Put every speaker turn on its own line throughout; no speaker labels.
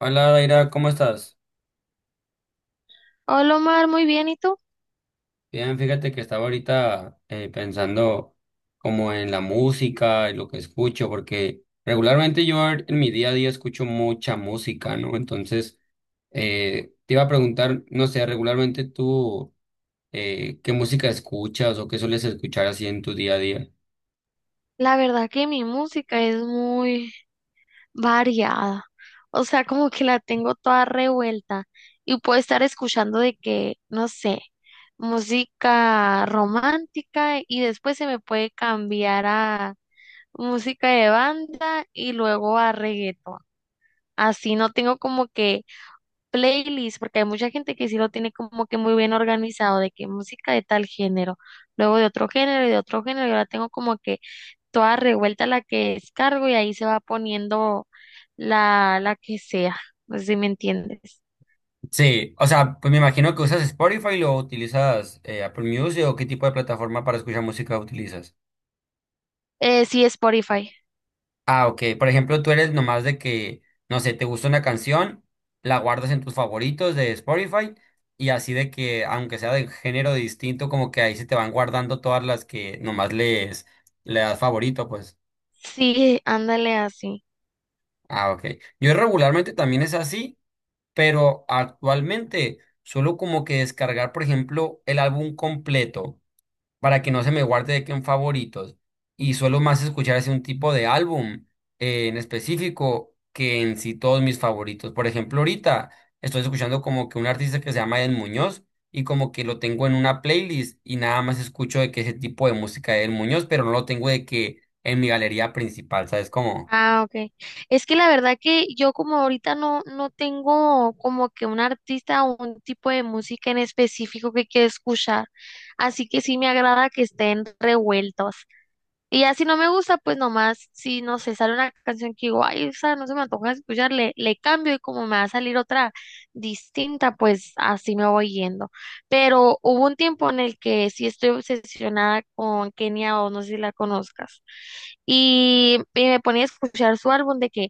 Hola, Daira, ¿cómo estás?
Hola Omar, muy bien, ¿y tú?
Bien, fíjate que estaba ahorita pensando como en la música y lo que escucho, porque regularmente yo en mi día a día escucho mucha música, ¿no? Entonces, te iba a preguntar, no sé, regularmente tú, ¿qué música escuchas o qué sueles escuchar así en tu día a día?
La verdad que mi música es muy variada, o sea, como que la tengo toda revuelta y puedo estar escuchando de que, no sé, música romántica y después se me puede cambiar a música de banda y luego a reggaetón. Así no tengo como que playlist, porque hay mucha gente que sí lo tiene como que muy bien organizado, de que música de tal género, luego de otro género y de otro género, y ahora tengo como que toda revuelta la que descargo y ahí se va poniendo la que sea. No sé si me entiendes.
Sí, o sea, pues me imagino que usas Spotify lo utilizas Apple Music o qué tipo de plataforma para escuchar música utilizas.
Sí, Spotify.
Ah, ok. Por ejemplo, tú eres nomás de que, no sé, te gusta una canción, la guardas en tus favoritos de Spotify y así de que, aunque sea de género distinto, como que ahí se te van guardando todas las que nomás les, le das favorito, pues.
Sí, ándale así.
Ah, ok. Yo regularmente también es así, pero actualmente suelo como que descargar, por ejemplo, el álbum completo, para que no se me guarde de que en favoritos. Y suelo más escuchar ese un tipo de álbum en específico que en sí todos mis favoritos. Por ejemplo, ahorita estoy escuchando como que un artista que se llama Eden Muñoz y como que lo tengo en una playlist y nada más escucho de que ese tipo de música de Eden Muñoz, pero no lo tengo de que en mi galería principal, ¿sabes cómo?
Ah, ok. Es que la verdad que yo como ahorita no, no tengo como que un artista o un tipo de música en específico que quiero escuchar, así que sí me agrada que estén revueltos. Y ya si no me gusta, pues nomás, si no sé, sale una canción que digo, ay, esa no se me antoja escuchar, le cambio y como me va a salir otra distinta, pues así me voy yendo. Pero hubo un tiempo en el que sí estoy obsesionada con Kenia o no sé si la conozcas. Y me ponía a escuchar su álbum de que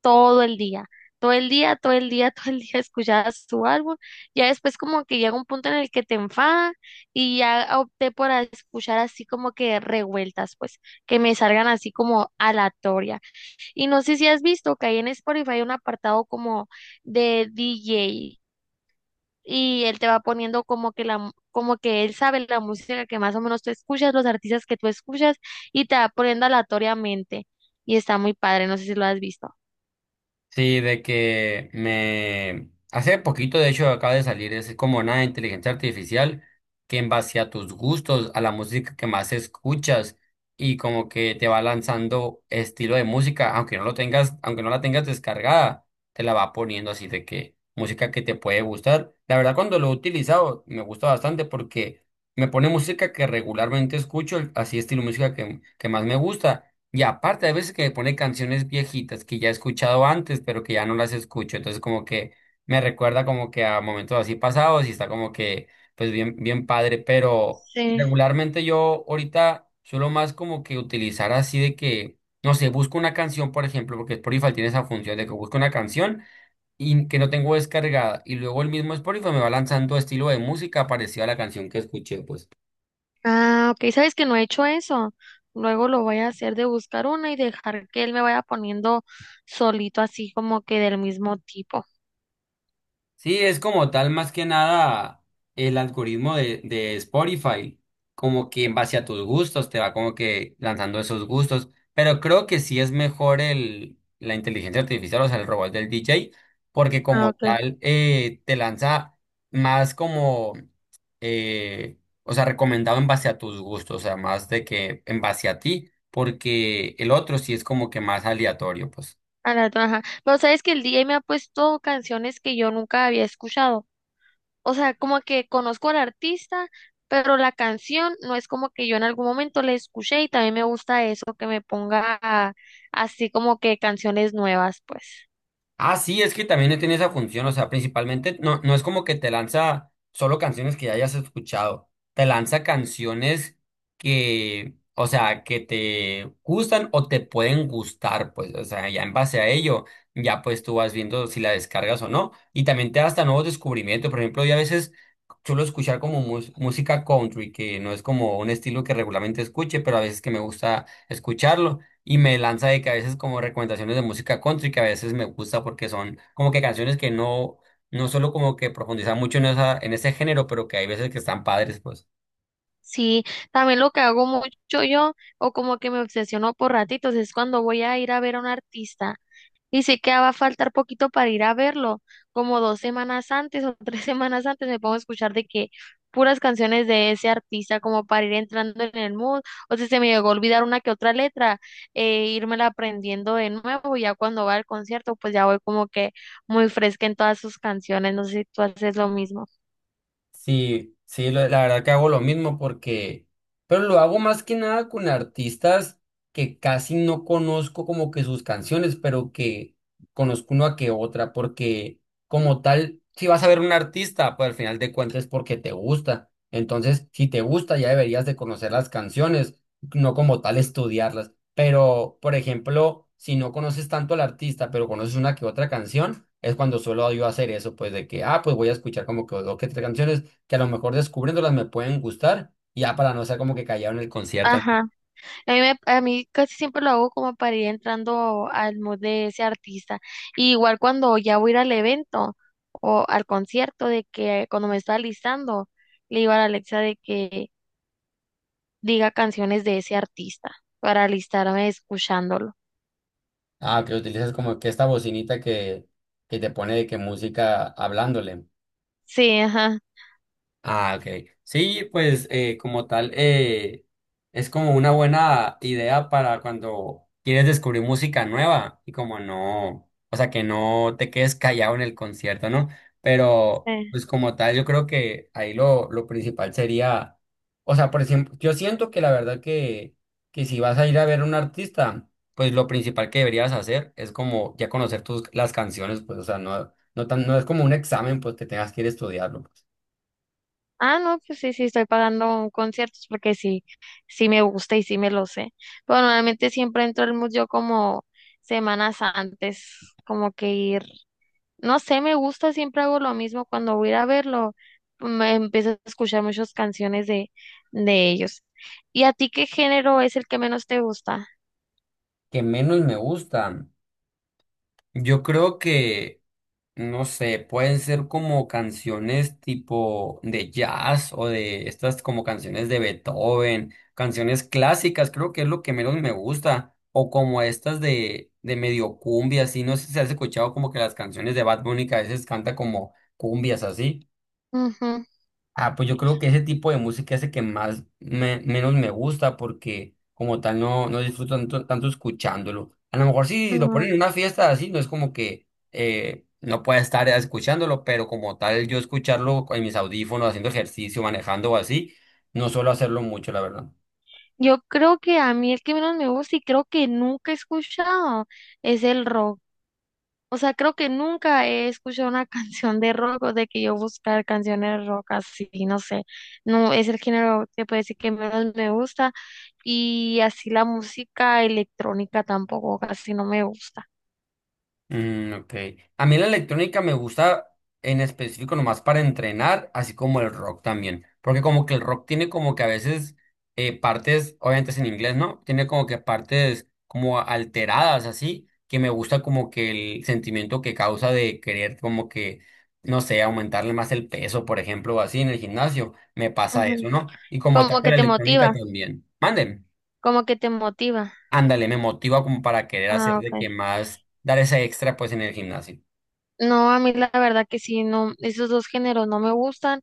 todo el día, todo el día, todo el día, todo el día escuchaba su álbum. Ya después como que llega un punto en el que te enfada y ya opté por escuchar así como que revueltas, pues que me salgan así como aleatoria. Y no sé si has visto que ahí en Spotify hay un apartado como de DJ y él te va poniendo como que como que él sabe la música que más o menos tú escuchas, los artistas que tú escuchas y te va poniendo aleatoriamente. Y está muy padre, no sé si lo has visto.
Sí, de que me... Hace poquito, de hecho, acaba de salir, es como una inteligencia artificial que en base a tus gustos, a la música que más escuchas y como que te va lanzando estilo de música, aunque no lo tengas, aunque no la tengas descargada, te la va poniendo así de que música que te puede gustar. La verdad, cuando lo he utilizado, me gusta bastante porque me pone música que regularmente escucho, así estilo música que más me gusta. Y aparte, hay veces que me pone canciones viejitas que ya he escuchado antes, pero que ya no las escucho. Entonces, como que me recuerda como que a momentos así pasados y está como que, pues bien, bien padre. Pero
Sí.
regularmente yo ahorita suelo más como que utilizar así de que, no sé, busco una canción, por ejemplo, porque Spotify tiene esa función de que busco una canción y que no tengo descargada. Y luego el mismo Spotify me va lanzando estilo de música parecido a la canción que escuché, pues.
Ah, ok, sabes que no he hecho eso. Luego lo voy a hacer de buscar una y dejar que él me vaya poniendo solito así como que del mismo tipo.
Sí, es como tal más que nada el algoritmo de Spotify, como que en base a tus gustos te va como que lanzando esos gustos, pero creo que sí es mejor el, la inteligencia artificial, o sea, el robot del DJ, porque
Ah,
como
ok.
tal te lanza más como, eh, o sea, recomendado en base a tus gustos, o sea, más de que en base a ti, porque el otro sí es como que más aleatorio, pues.
A la otra, ajá. Pero sabes que el DJ me ha puesto canciones que yo nunca había escuchado. O sea, como que conozco al artista, pero la canción no es como que yo en algún momento la escuché y también me gusta eso, que me ponga así como que canciones nuevas, pues.
Ah, sí, es que también tiene esa función, o sea, principalmente no, no es como que te lanza solo canciones que ya hayas escuchado, te lanza canciones que, o sea, que te gustan o te pueden gustar, pues, o sea, ya en base a ello, ya pues tú vas viendo si la descargas o no, y también te da hasta nuevos descubrimientos, por ejemplo, yo a veces suelo escuchar como música country, que no es como un estilo que regularmente escuche, pero a veces que me gusta escucharlo y me lanza de que a veces como recomendaciones de música country que a veces me gusta porque son como que canciones que no, no solo como que profundizan mucho en esa, en ese género, pero que hay veces que están padres, pues.
Sí, también lo que hago mucho yo, o como que me obsesiono por ratitos, es cuando voy a ir a ver a un artista y sé que va a faltar poquito para ir a verlo, como dos semanas antes o tres semanas antes me pongo a escuchar de que puras canciones de ese artista como para ir entrando en el mood, o si se me llegó a olvidar una que otra letra, írmela aprendiendo de nuevo, y ya cuando va al concierto, pues ya voy como que muy fresca en todas sus canciones, no sé si tú haces lo mismo.
Sí, sí, la verdad que hago lo mismo porque, pero lo hago más que nada con artistas que casi no conozco como que sus canciones, pero que conozco una que otra, porque como tal, si vas a ver un artista, pues al final de cuentas es porque te gusta. Entonces, si te gusta, ya deberías de conocer las canciones, no como tal estudiarlas. Pero, por ejemplo, si no conoces tanto al artista, pero conoces una que otra canción, es cuando suelo yo hacer eso, pues de que, ah, pues voy a escuchar como que dos que tres canciones que a lo mejor descubriéndolas me pueden gustar, y ya para no ser como que callado en el concierto, ¿no?
Ajá. A mí casi siempre lo hago como para ir entrando al mood de ese artista. Y igual cuando ya voy a ir al evento o al concierto, de que cuando me está listando, le digo a la Alexa de que diga canciones de ese artista para alistarme escuchándolo.
Ah, que utilizas como que esta bocinita que te pone de que música hablándole.
Sí, ajá.
Ah, ok. Sí, pues como tal, es como una buena idea para cuando quieres descubrir música nueva y como no, o sea, que no te quedes callado en el concierto, ¿no? Pero
Sí.
pues como tal, yo creo que ahí lo principal sería, o sea, por ejemplo, yo siento que la verdad que si vas a ir a ver a un artista, pues lo principal que deberías hacer es como ya conocer tus, las canciones, pues, o sea, no, no tan, no es como un examen, pues que tengas que ir a estudiarlo, pues.
Ah, no, pues sí, sí, estoy pagando conciertos porque sí, sí me gusta y sí me lo sé. Pero normalmente siempre entro al mood yo como semanas antes, como que ir. No sé, me gusta, siempre hago lo mismo cuando voy a ir a verlo. Me empiezo a escuchar muchas canciones de ellos. ¿Y a ti qué género es el que menos te gusta?
Que menos me gustan. Yo creo que, no sé, pueden ser como canciones tipo de jazz o de estas como canciones de Beethoven, canciones clásicas, creo que es lo que menos me gusta. O como estas de medio cumbia, así, no sé si has escuchado como que las canciones de Bad Bunny que a veces canta como cumbias así.
Ujú,
Ah, pues yo creo que ese tipo de música es el que más menos me gusta porque como tal no, no disfruto tanto, tanto escuchándolo. A lo mejor si lo ponen
ujú.
en una fiesta así, no es como que no pueda estar escuchándolo, pero como tal yo escucharlo en mis audífonos, haciendo ejercicio, manejando o así, no suelo hacerlo mucho, la verdad.
Yo creo que a mí el que menos me gusta y creo que nunca he escuchado es el rock. O sea, creo que nunca he escuchado una canción de rock o de que yo buscar canciones de rock así, no sé. No es el género que puede decir que menos me gusta y así la música electrónica tampoco casi no me gusta.
Mm, ok. A mí la electrónica me gusta en específico nomás para entrenar, así como el rock también. Porque como que el rock tiene como que a veces partes, obviamente es en inglés, ¿no? Tiene como que partes como alteradas, así, que me gusta como que el sentimiento que causa de querer como que, no sé, aumentarle más el peso, por ejemplo, o así en el gimnasio. Me pasa eso,
Ujú.
¿no? Y como tal
Como
con
que
la
te
electrónica
motiva,
también. Manden.
como que te motiva.
Ándale, me motiva como para querer hacer
Ah,
de
okay.
que más, dar ese extra pues en el gimnasio.
No, a mí la verdad que sí, no, esos dos géneros no me gustan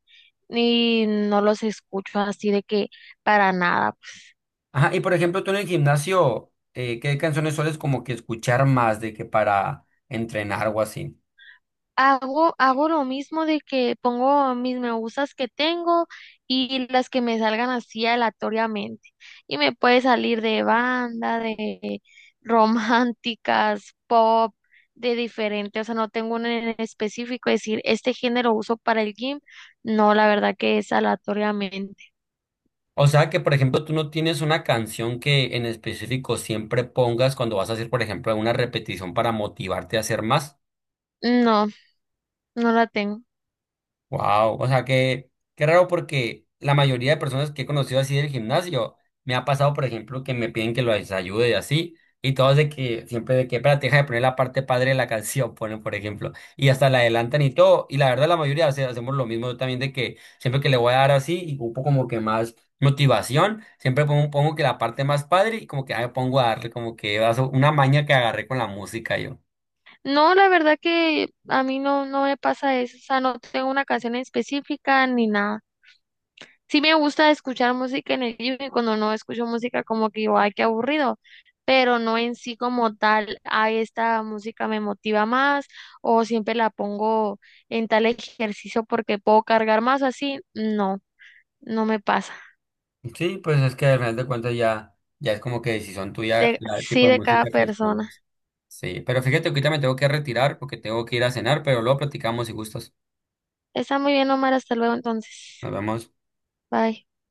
y no los escucho así de que para nada.
Ajá, y por ejemplo, tú en el gimnasio, ¿qué canciones sueles como que escuchar más de que para entrenar o así?
Hago lo mismo de que pongo mis me gustas que tengo y las que me salgan así aleatoriamente. Y me puede salir de banda, de románticas, pop, de diferente. O sea, no tengo uno en específico. Es decir, este género uso para el gym. No, la verdad que es aleatoriamente.
O sea que, por ejemplo, tú no tienes una canción que en específico siempre pongas cuando vas a hacer, por ejemplo, una repetición para motivarte a hacer más.
No, no la tengo.
Wow, o sea que qué raro porque la mayoría de personas que he conocido así del gimnasio me ha pasado, por ejemplo, que me piden que los ayude y así, y todos de que siempre de que, espérate, deja de poner la parte padre de la canción, ponen, por ejemplo, y hasta la adelantan y todo, y la verdad la mayoría hacemos lo mismo yo también de que siempre que le voy a dar así y ocupo como que más motivación, siempre pongo, pongo que la parte más padre y como que ah, me pongo a darle como que eso, una maña que agarré con la música yo.
No, la verdad que a mí no, no me pasa eso. O sea, no tengo una canción específica ni nada. Sí me gusta escuchar música en el libro y cuando no escucho música como que digo, ay, qué aburrido, pero no en sí como tal, ay, esta música me motiva más o siempre la pongo en tal ejercicio porque puedo cargar más o así, no, no me pasa.
Sí, pues es que al final de cuentas ya, ya es como que decisión tuya
De,
la, el tipo
sí
de
de cada
música que
persona.
pongas. Sí, pero fíjate, que ahorita me tengo que retirar porque tengo que ir a cenar, pero luego platicamos si gustas.
Está muy bien, Omar, hasta luego entonces.
Nos vemos.
Bye.